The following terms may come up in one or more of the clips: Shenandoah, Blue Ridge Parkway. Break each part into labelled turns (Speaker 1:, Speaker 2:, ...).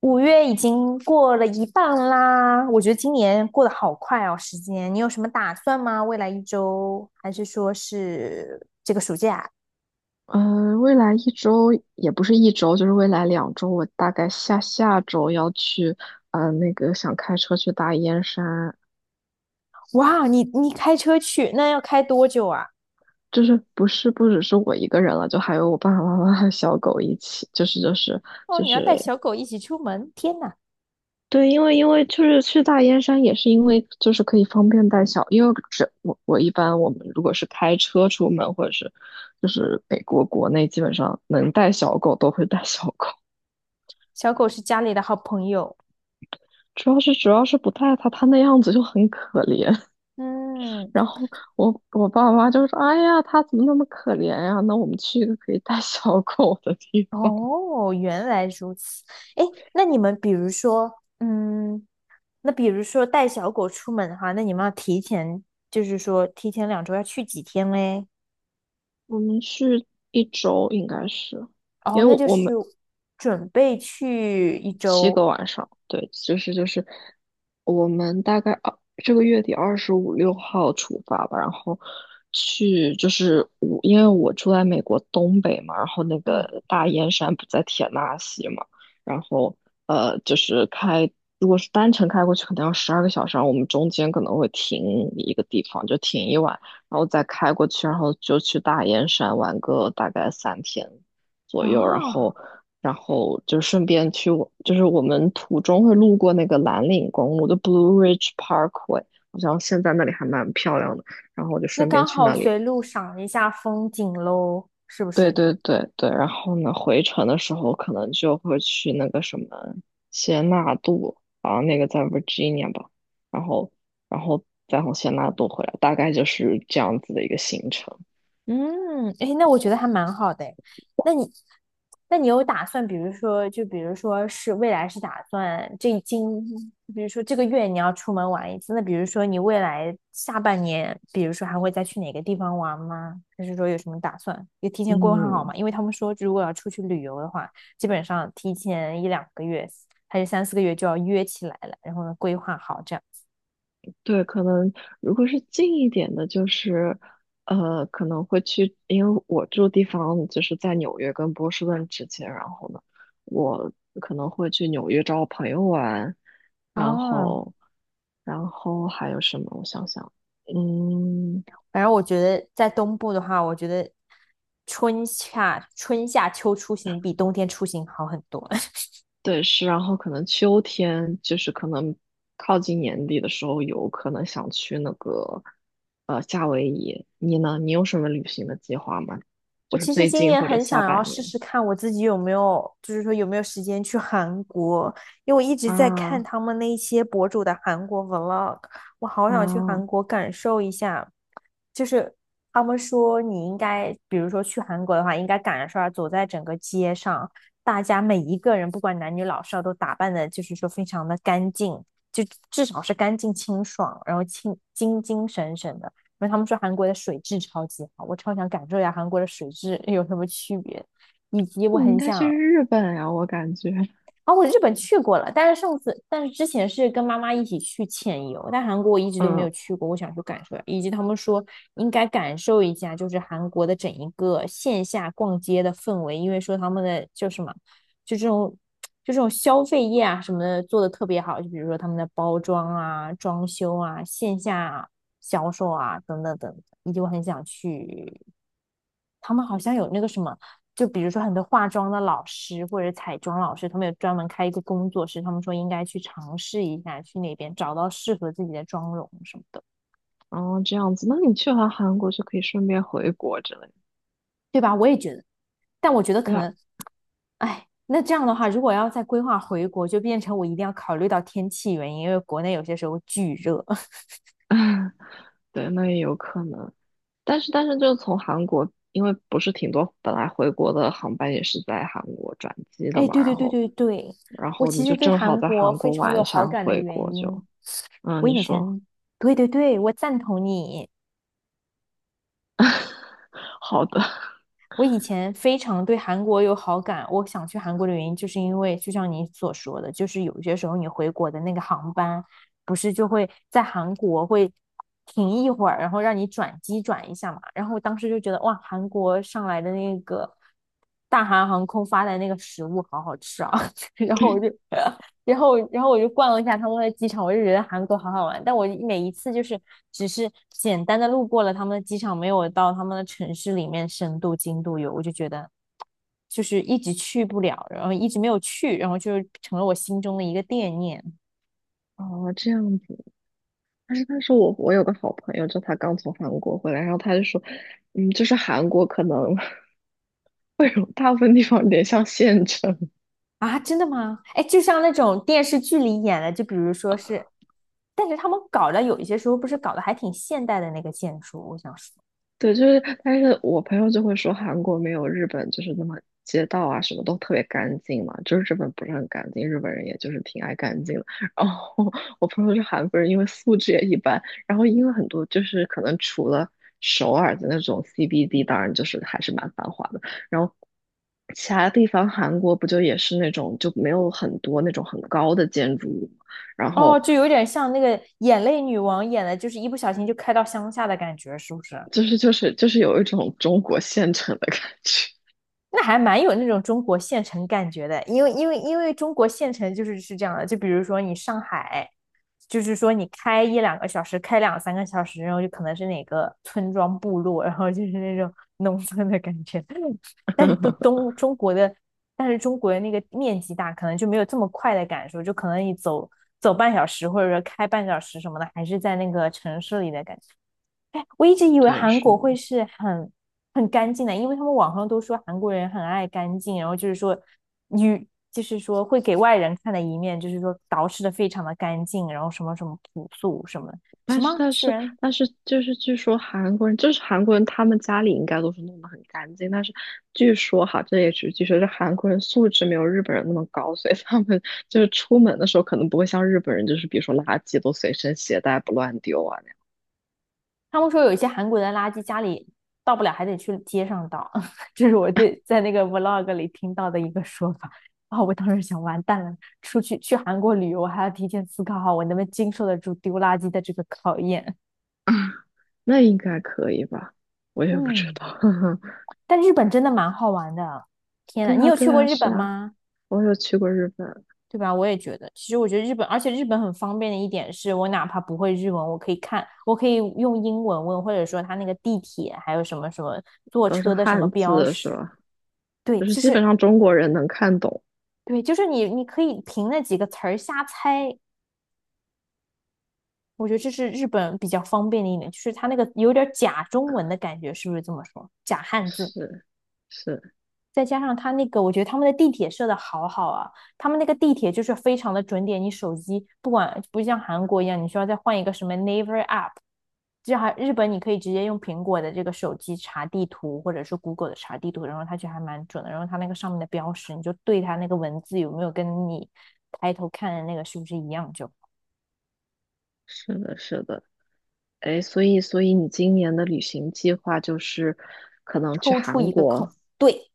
Speaker 1: 5月已经过了一半啦，我觉得今年过得好快哦，时间。你有什么打算吗？未来一周，还是说是这个暑假？
Speaker 2: 未来一周也不是一周，就是未来2周，我大概下下周要去，那个想开车去大燕山。
Speaker 1: 哇，你开车去，那要开多久啊？
Speaker 2: 就是不是不只是我一个人了，就还有我爸爸妈妈和小狗一起，
Speaker 1: 哦，
Speaker 2: 就
Speaker 1: 你要
Speaker 2: 是，
Speaker 1: 带小狗一起出门，天哪，
Speaker 2: 对，因为就是去大燕山也是因为就是可以方便带小，因为这我一般我们如果是开车出门或者是就是美国国内基本上能带小狗都会带小狗。
Speaker 1: 小狗是家里的好朋友。
Speaker 2: 主要是不带它，它那样子就很可怜。
Speaker 1: 嗯，
Speaker 2: 然后我爸妈就说：“哎呀，它怎么那么可怜呀？那我们去一个可以带 小狗的地方。”
Speaker 1: 哦，原来如此。哎，那你们比如说，嗯，那比如说带小狗出门的话，那你们要提前，就是说提前2周要去几天嘞？
Speaker 2: 我们去一周应该是，因
Speaker 1: 哦，
Speaker 2: 为
Speaker 1: 那
Speaker 2: 我
Speaker 1: 就
Speaker 2: 我
Speaker 1: 是
Speaker 2: 们
Speaker 1: 准备去一
Speaker 2: 七个
Speaker 1: 周，
Speaker 2: 晚上，对，我们大概这个月底二十五六号出发吧。然后去就是我因为我住在美国东北嘛。然后那
Speaker 1: 嗯，
Speaker 2: 个大燕山不在田纳西嘛，然后就是开，如果是单程开过去可能要12个小时，然后我们中间可能会停一个地方，就停一晚，然后再开过去，然后就去大燕山玩个大概3天左右。然
Speaker 1: 啊，
Speaker 2: 后然后就顺便去我，就是我们途中会路过那个蓝岭公路的 Blue Ridge Parkway，好像现在那里还蛮漂亮的。然后我就
Speaker 1: 那
Speaker 2: 顺便
Speaker 1: 刚
Speaker 2: 去
Speaker 1: 好
Speaker 2: 那里。
Speaker 1: 随路赏一下风景喽，是不
Speaker 2: 对
Speaker 1: 是？
Speaker 2: 对对对。然后呢，回程的时候可能就会去那个什么谢纳杜，啊，那个在 Virginia 吧。然后，然后再从谢纳杜回来，大概就是这样子的一个行程。
Speaker 1: 嗯，哎，那我觉得还蛮好的诶。那你，那你有打算，比如说，就比如说是未来是打算这今，比如说这个月你要出门玩一次，那比如说你未来下半年，比如说还会再去哪个地方玩吗？还是说有什么打算？也提前规划好
Speaker 2: 嗯。
Speaker 1: 嘛？因为他们说，如果要出去旅游的话，基本上提前1、2个月还是3、4个月就要约起来了，然后呢规划好这样。
Speaker 2: 对，可能如果是近一点的，就是，可能会去，因为我住地方就是在纽约跟波士顿之间。然后呢，我可能会去纽约找我朋友玩。然
Speaker 1: 哦，
Speaker 2: 后，然后还有什么？我想想，嗯，
Speaker 1: 反正我觉得在东部的话，我觉得春夏秋出行比冬天出行好很多。
Speaker 2: 对，是，然后可能秋天就是可能靠近年底的时候，有可能想去那个，夏威夷。你呢？你有什么旅行的计划吗？
Speaker 1: 我
Speaker 2: 就是
Speaker 1: 其实
Speaker 2: 最
Speaker 1: 今
Speaker 2: 近
Speaker 1: 年
Speaker 2: 或者
Speaker 1: 很
Speaker 2: 下
Speaker 1: 想要
Speaker 2: 半
Speaker 1: 试
Speaker 2: 年？
Speaker 1: 试看我自己有没有，就是说有没有时间去韩国，因为我一直在看
Speaker 2: 啊
Speaker 1: 他们那些博主的韩国 vlog，我好想去
Speaker 2: 啊，
Speaker 1: 韩国感受一下。就是他们说你应该，比如说去韩国的话，应该赶上走在整个街上，大家每一个人不管男女老少都打扮的，就是说非常的干净，就至少是干净清爽，然后清精精神神的。因为他们说韩国的水质超级好，我超想感受一下韩国的水质有什么区别，以及我
Speaker 2: 那你应
Speaker 1: 很
Speaker 2: 该去
Speaker 1: 想
Speaker 2: 日本呀，我感觉。
Speaker 1: 啊、我日本去过了，但是上次，但是之前是跟妈妈一起去潜游，但韩国我一直都没有
Speaker 2: 嗯，
Speaker 1: 去过，我想去感受一下，以及他们说应该感受一下，就是韩国的整一个线下逛街的氛围，因为说他们的就什么，就这种就这种消费业啊什么的做的特别好，就比如说他们的包装啊、装修啊、线下销售啊等等等，等，以及我很想去他们好像有那个什么，就比如说很多化妆的老师或者彩妆老师，他们有专门开一个工作室，他们说应该去尝试一下，去那边找到适合自己的妆容什么的，
Speaker 2: 哦，这样子，那你去完韩国就可以顺便回国之类的。
Speaker 1: 对吧？我也觉得，但我觉得
Speaker 2: 对
Speaker 1: 可
Speaker 2: 啊，
Speaker 1: 能，哎，那这样的话，如果要再规划回国，就变成我一定要考虑到天气原因，因为国内有些时候巨热。
Speaker 2: 对，那也有可能。但是就从韩国，因为不是挺多本来回国的航班也是在韩国转机的
Speaker 1: 哎，
Speaker 2: 嘛，
Speaker 1: 对对
Speaker 2: 然
Speaker 1: 对
Speaker 2: 后
Speaker 1: 对对，
Speaker 2: 然
Speaker 1: 我
Speaker 2: 后
Speaker 1: 其
Speaker 2: 你就
Speaker 1: 实对
Speaker 2: 正好
Speaker 1: 韩
Speaker 2: 在
Speaker 1: 国
Speaker 2: 韩
Speaker 1: 非
Speaker 2: 国
Speaker 1: 常
Speaker 2: 玩
Speaker 1: 有
Speaker 2: 一
Speaker 1: 好
Speaker 2: 下
Speaker 1: 感的
Speaker 2: 回
Speaker 1: 原
Speaker 2: 国就，
Speaker 1: 因，我
Speaker 2: 嗯，你
Speaker 1: 以
Speaker 2: 说
Speaker 1: 前，对对对，我赞同你。
Speaker 2: 好的。
Speaker 1: 我以前非常对韩国有好感，我想去韩国的原因，就是因为就像你所说的，就是有些时候你回国的那个航班，不是就会在韩国会停一会儿，然后让你转机转一下嘛。然后我当时就觉得，哇，韩国上来的那个大韩航空发来那个食物好好吃啊，然后我就然后，然后我就逛了一下他们的机场，我就觉得韩国好好玩。但我每一次就是只是简单的路过了他们的机场，没有到他们的城市里面深度精度游，我就觉得就是一直去不了，然后一直没有去，然后就成了我心中的一个惦念。
Speaker 2: 哦，这样子。但是我有个好朋友，就他刚从韩国回来，然后他就说，嗯，就是韩国可能 大部分地方有点像县城。
Speaker 1: 啊！真的吗？哎，就像那种电视剧里演的，就比如说是，但是他们搞的有一些时候不是搞得还挺现代的那个建筑，我想说。
Speaker 2: 对，就是，但是我朋友就会说韩国没有日本就是那么街道啊什么都特别干净嘛，就是日本不是很干净，日本人也就是挺爱干净的。然后我朋友是韩国人，因为素质也一般。然后因为很多就是可能除了首尔的那种 CBD，当然就是还是蛮繁华的。然后，其他地方，韩国不就也是那种就没有很多那种很高的建筑物嘛，然
Speaker 1: 哦，
Speaker 2: 后
Speaker 1: 就有点像那个眼泪女王演的，就是一不小心就开到乡下的感觉，是不是？
Speaker 2: 有一种中国县城的感觉。
Speaker 1: 那还蛮有那种中国县城感觉的，因为中国县城就是是这样的，就比如说你上海，就是说你开1、2个小时，开2、3个小时，然后就可能是哪个村庄部落，然后就是那种农村的感觉。但是都 东中国的，但是中国的那个面积大，可能就没有这么快的感受，就可能你走走半小时或者说开半小时什么的，还是在那个城市里的感觉。哎，我一直以为
Speaker 2: 对，
Speaker 1: 韩
Speaker 2: 是
Speaker 1: 国
Speaker 2: 的。
Speaker 1: 会是很干净的，因为他们网上都说韩国人很爱干净，然后就是说女，就是说会给外人看的一面，就是说捯饬的非常的干净，然后什么什么朴素什么什
Speaker 2: 但
Speaker 1: 么，
Speaker 2: 是但
Speaker 1: 居
Speaker 2: 是
Speaker 1: 然
Speaker 2: 但是，就是据说韩国人，就是韩国人，他们家里应该都是弄得很干净。但是据说哈，这也只是据说，是韩国人素质没有日本人那么高，所以他们就是出门的时候可能不会像日本人，就是比如说垃圾都随身携带不乱丢啊那样。
Speaker 1: 他们说有一些韩国人的垃圾家里倒不了，还得去街上倒，这是我对在那个 vlog 里听到的一个说法。啊、我当时想，完蛋了，出去去韩国旅游还要提前思考好我能不能经受得住丢垃圾的这个考验。
Speaker 2: 那应该可以吧？我也不知
Speaker 1: 嗯。
Speaker 2: 道。
Speaker 1: 但日本真的蛮好玩的。天呐，
Speaker 2: 对
Speaker 1: 你
Speaker 2: 啊，
Speaker 1: 有去
Speaker 2: 对
Speaker 1: 过
Speaker 2: 啊，
Speaker 1: 日
Speaker 2: 是
Speaker 1: 本
Speaker 2: 啊，
Speaker 1: 吗？
Speaker 2: 我有去过日本。
Speaker 1: 对吧？我也觉得，其实我觉得日本，而且日本很方便的一点是，我哪怕不会日文，我可以看，我可以用英文问，或者说他那个地铁还有什么什么坐
Speaker 2: 都是
Speaker 1: 车的什么
Speaker 2: 汉
Speaker 1: 标
Speaker 2: 字是
Speaker 1: 识，
Speaker 2: 吧？
Speaker 1: 对，
Speaker 2: 就是
Speaker 1: 就
Speaker 2: 基本
Speaker 1: 是
Speaker 2: 上中国人能看懂。
Speaker 1: 对，就是你可以凭那几个词儿瞎猜。我觉得这是日本比较方便的一点，就是他那个有点假中文的感觉，是不是这么说？假汉字。
Speaker 2: 是是
Speaker 1: 再加上他那个，我觉得他们的地铁设的好好啊，他们那个地铁就是非常的准点，你手机不管不像韩国一样，你需要再换一个什么 Naver App，这还日本你可以直接用苹果的这个手机查地图，或者是 Google 的查地图，然后它就还蛮准的，然后它那个上面的标识，你就对它那个文字有没有跟你抬头看的那个是不是一样，就
Speaker 2: 是的，是的。哎，所以你今年的旅行计划就是可能去
Speaker 1: 抽出
Speaker 2: 韩
Speaker 1: 一个空，
Speaker 2: 国。
Speaker 1: 对，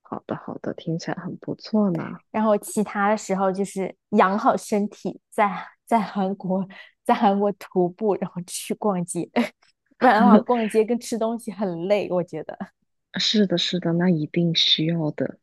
Speaker 2: 好的好的，听起来很不错呢。
Speaker 1: 然后其他的时候就是养好身体，在在韩国徒步，然后去逛街，不然的话逛 街跟吃东西很累，我觉得。
Speaker 2: 是的，是的，那一定需要的。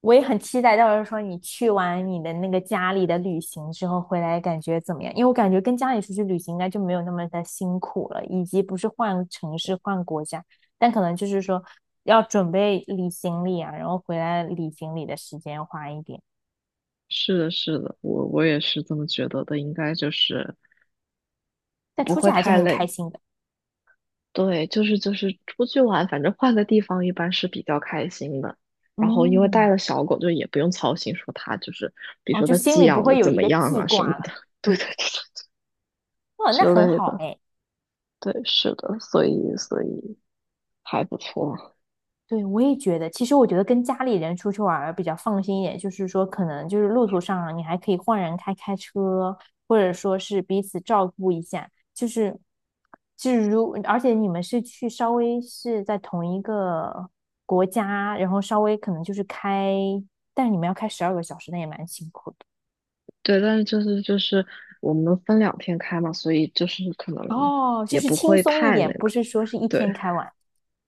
Speaker 1: 我也很期待，到时候说你去完你的那个家里的旅行之后回来感觉怎么样？因为我感觉跟家里出去旅行应该就没有那么的辛苦了，以及不是换城市换国家，但可能就是说要准备理行李啊，然后回来理行李的时间花一点，
Speaker 2: 是的，是的，我也是这么觉得的，应该就是
Speaker 1: 但
Speaker 2: 不
Speaker 1: 出去
Speaker 2: 会
Speaker 1: 还是
Speaker 2: 太
Speaker 1: 很开
Speaker 2: 累。
Speaker 1: 心的。
Speaker 2: 对，出去玩，反正换个地方一般是比较开心的。然后因为带
Speaker 1: 嗯。
Speaker 2: 了小狗，就也不用操心说它就是，比如
Speaker 1: 哦，
Speaker 2: 说
Speaker 1: 就
Speaker 2: 它
Speaker 1: 心
Speaker 2: 寄
Speaker 1: 里不
Speaker 2: 养的
Speaker 1: 会有
Speaker 2: 怎
Speaker 1: 一
Speaker 2: 么
Speaker 1: 个
Speaker 2: 样
Speaker 1: 记
Speaker 2: 啊什么
Speaker 1: 挂了。
Speaker 2: 的，对
Speaker 1: 对
Speaker 2: 对
Speaker 1: 的，
Speaker 2: 对
Speaker 1: 哇，那
Speaker 2: 之
Speaker 1: 很
Speaker 2: 类
Speaker 1: 好
Speaker 2: 的。
Speaker 1: 哎。
Speaker 2: 对，是的，所以还不错。
Speaker 1: 对，我也觉得，其实我觉得跟家里人出去玩儿比较放心一点，就是说可能就是路途上你还可以换人开开车，或者说是彼此照顾一下，就是就是如，而且你们是去稍微是在同一个国家，然后稍微可能就是开，但是你们要开12个小时，那也蛮辛苦的。
Speaker 2: 对，但是我们分2天开嘛，所以就是可能
Speaker 1: 哦，就
Speaker 2: 也
Speaker 1: 是
Speaker 2: 不
Speaker 1: 轻
Speaker 2: 会
Speaker 1: 松一
Speaker 2: 太
Speaker 1: 点，
Speaker 2: 那
Speaker 1: 不
Speaker 2: 个。
Speaker 1: 是说是一
Speaker 2: 对
Speaker 1: 天开完。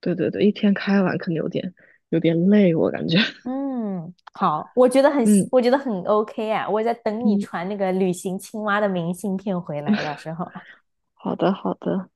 Speaker 2: 对对对，一天开完可能有点累，我感觉。
Speaker 1: 嗯，好，我觉得很，
Speaker 2: 嗯
Speaker 1: 我觉得很 OK 啊，我在等你
Speaker 2: 嗯，
Speaker 1: 传那个旅行青蛙的明信片回来的时候。
Speaker 2: 好的好的。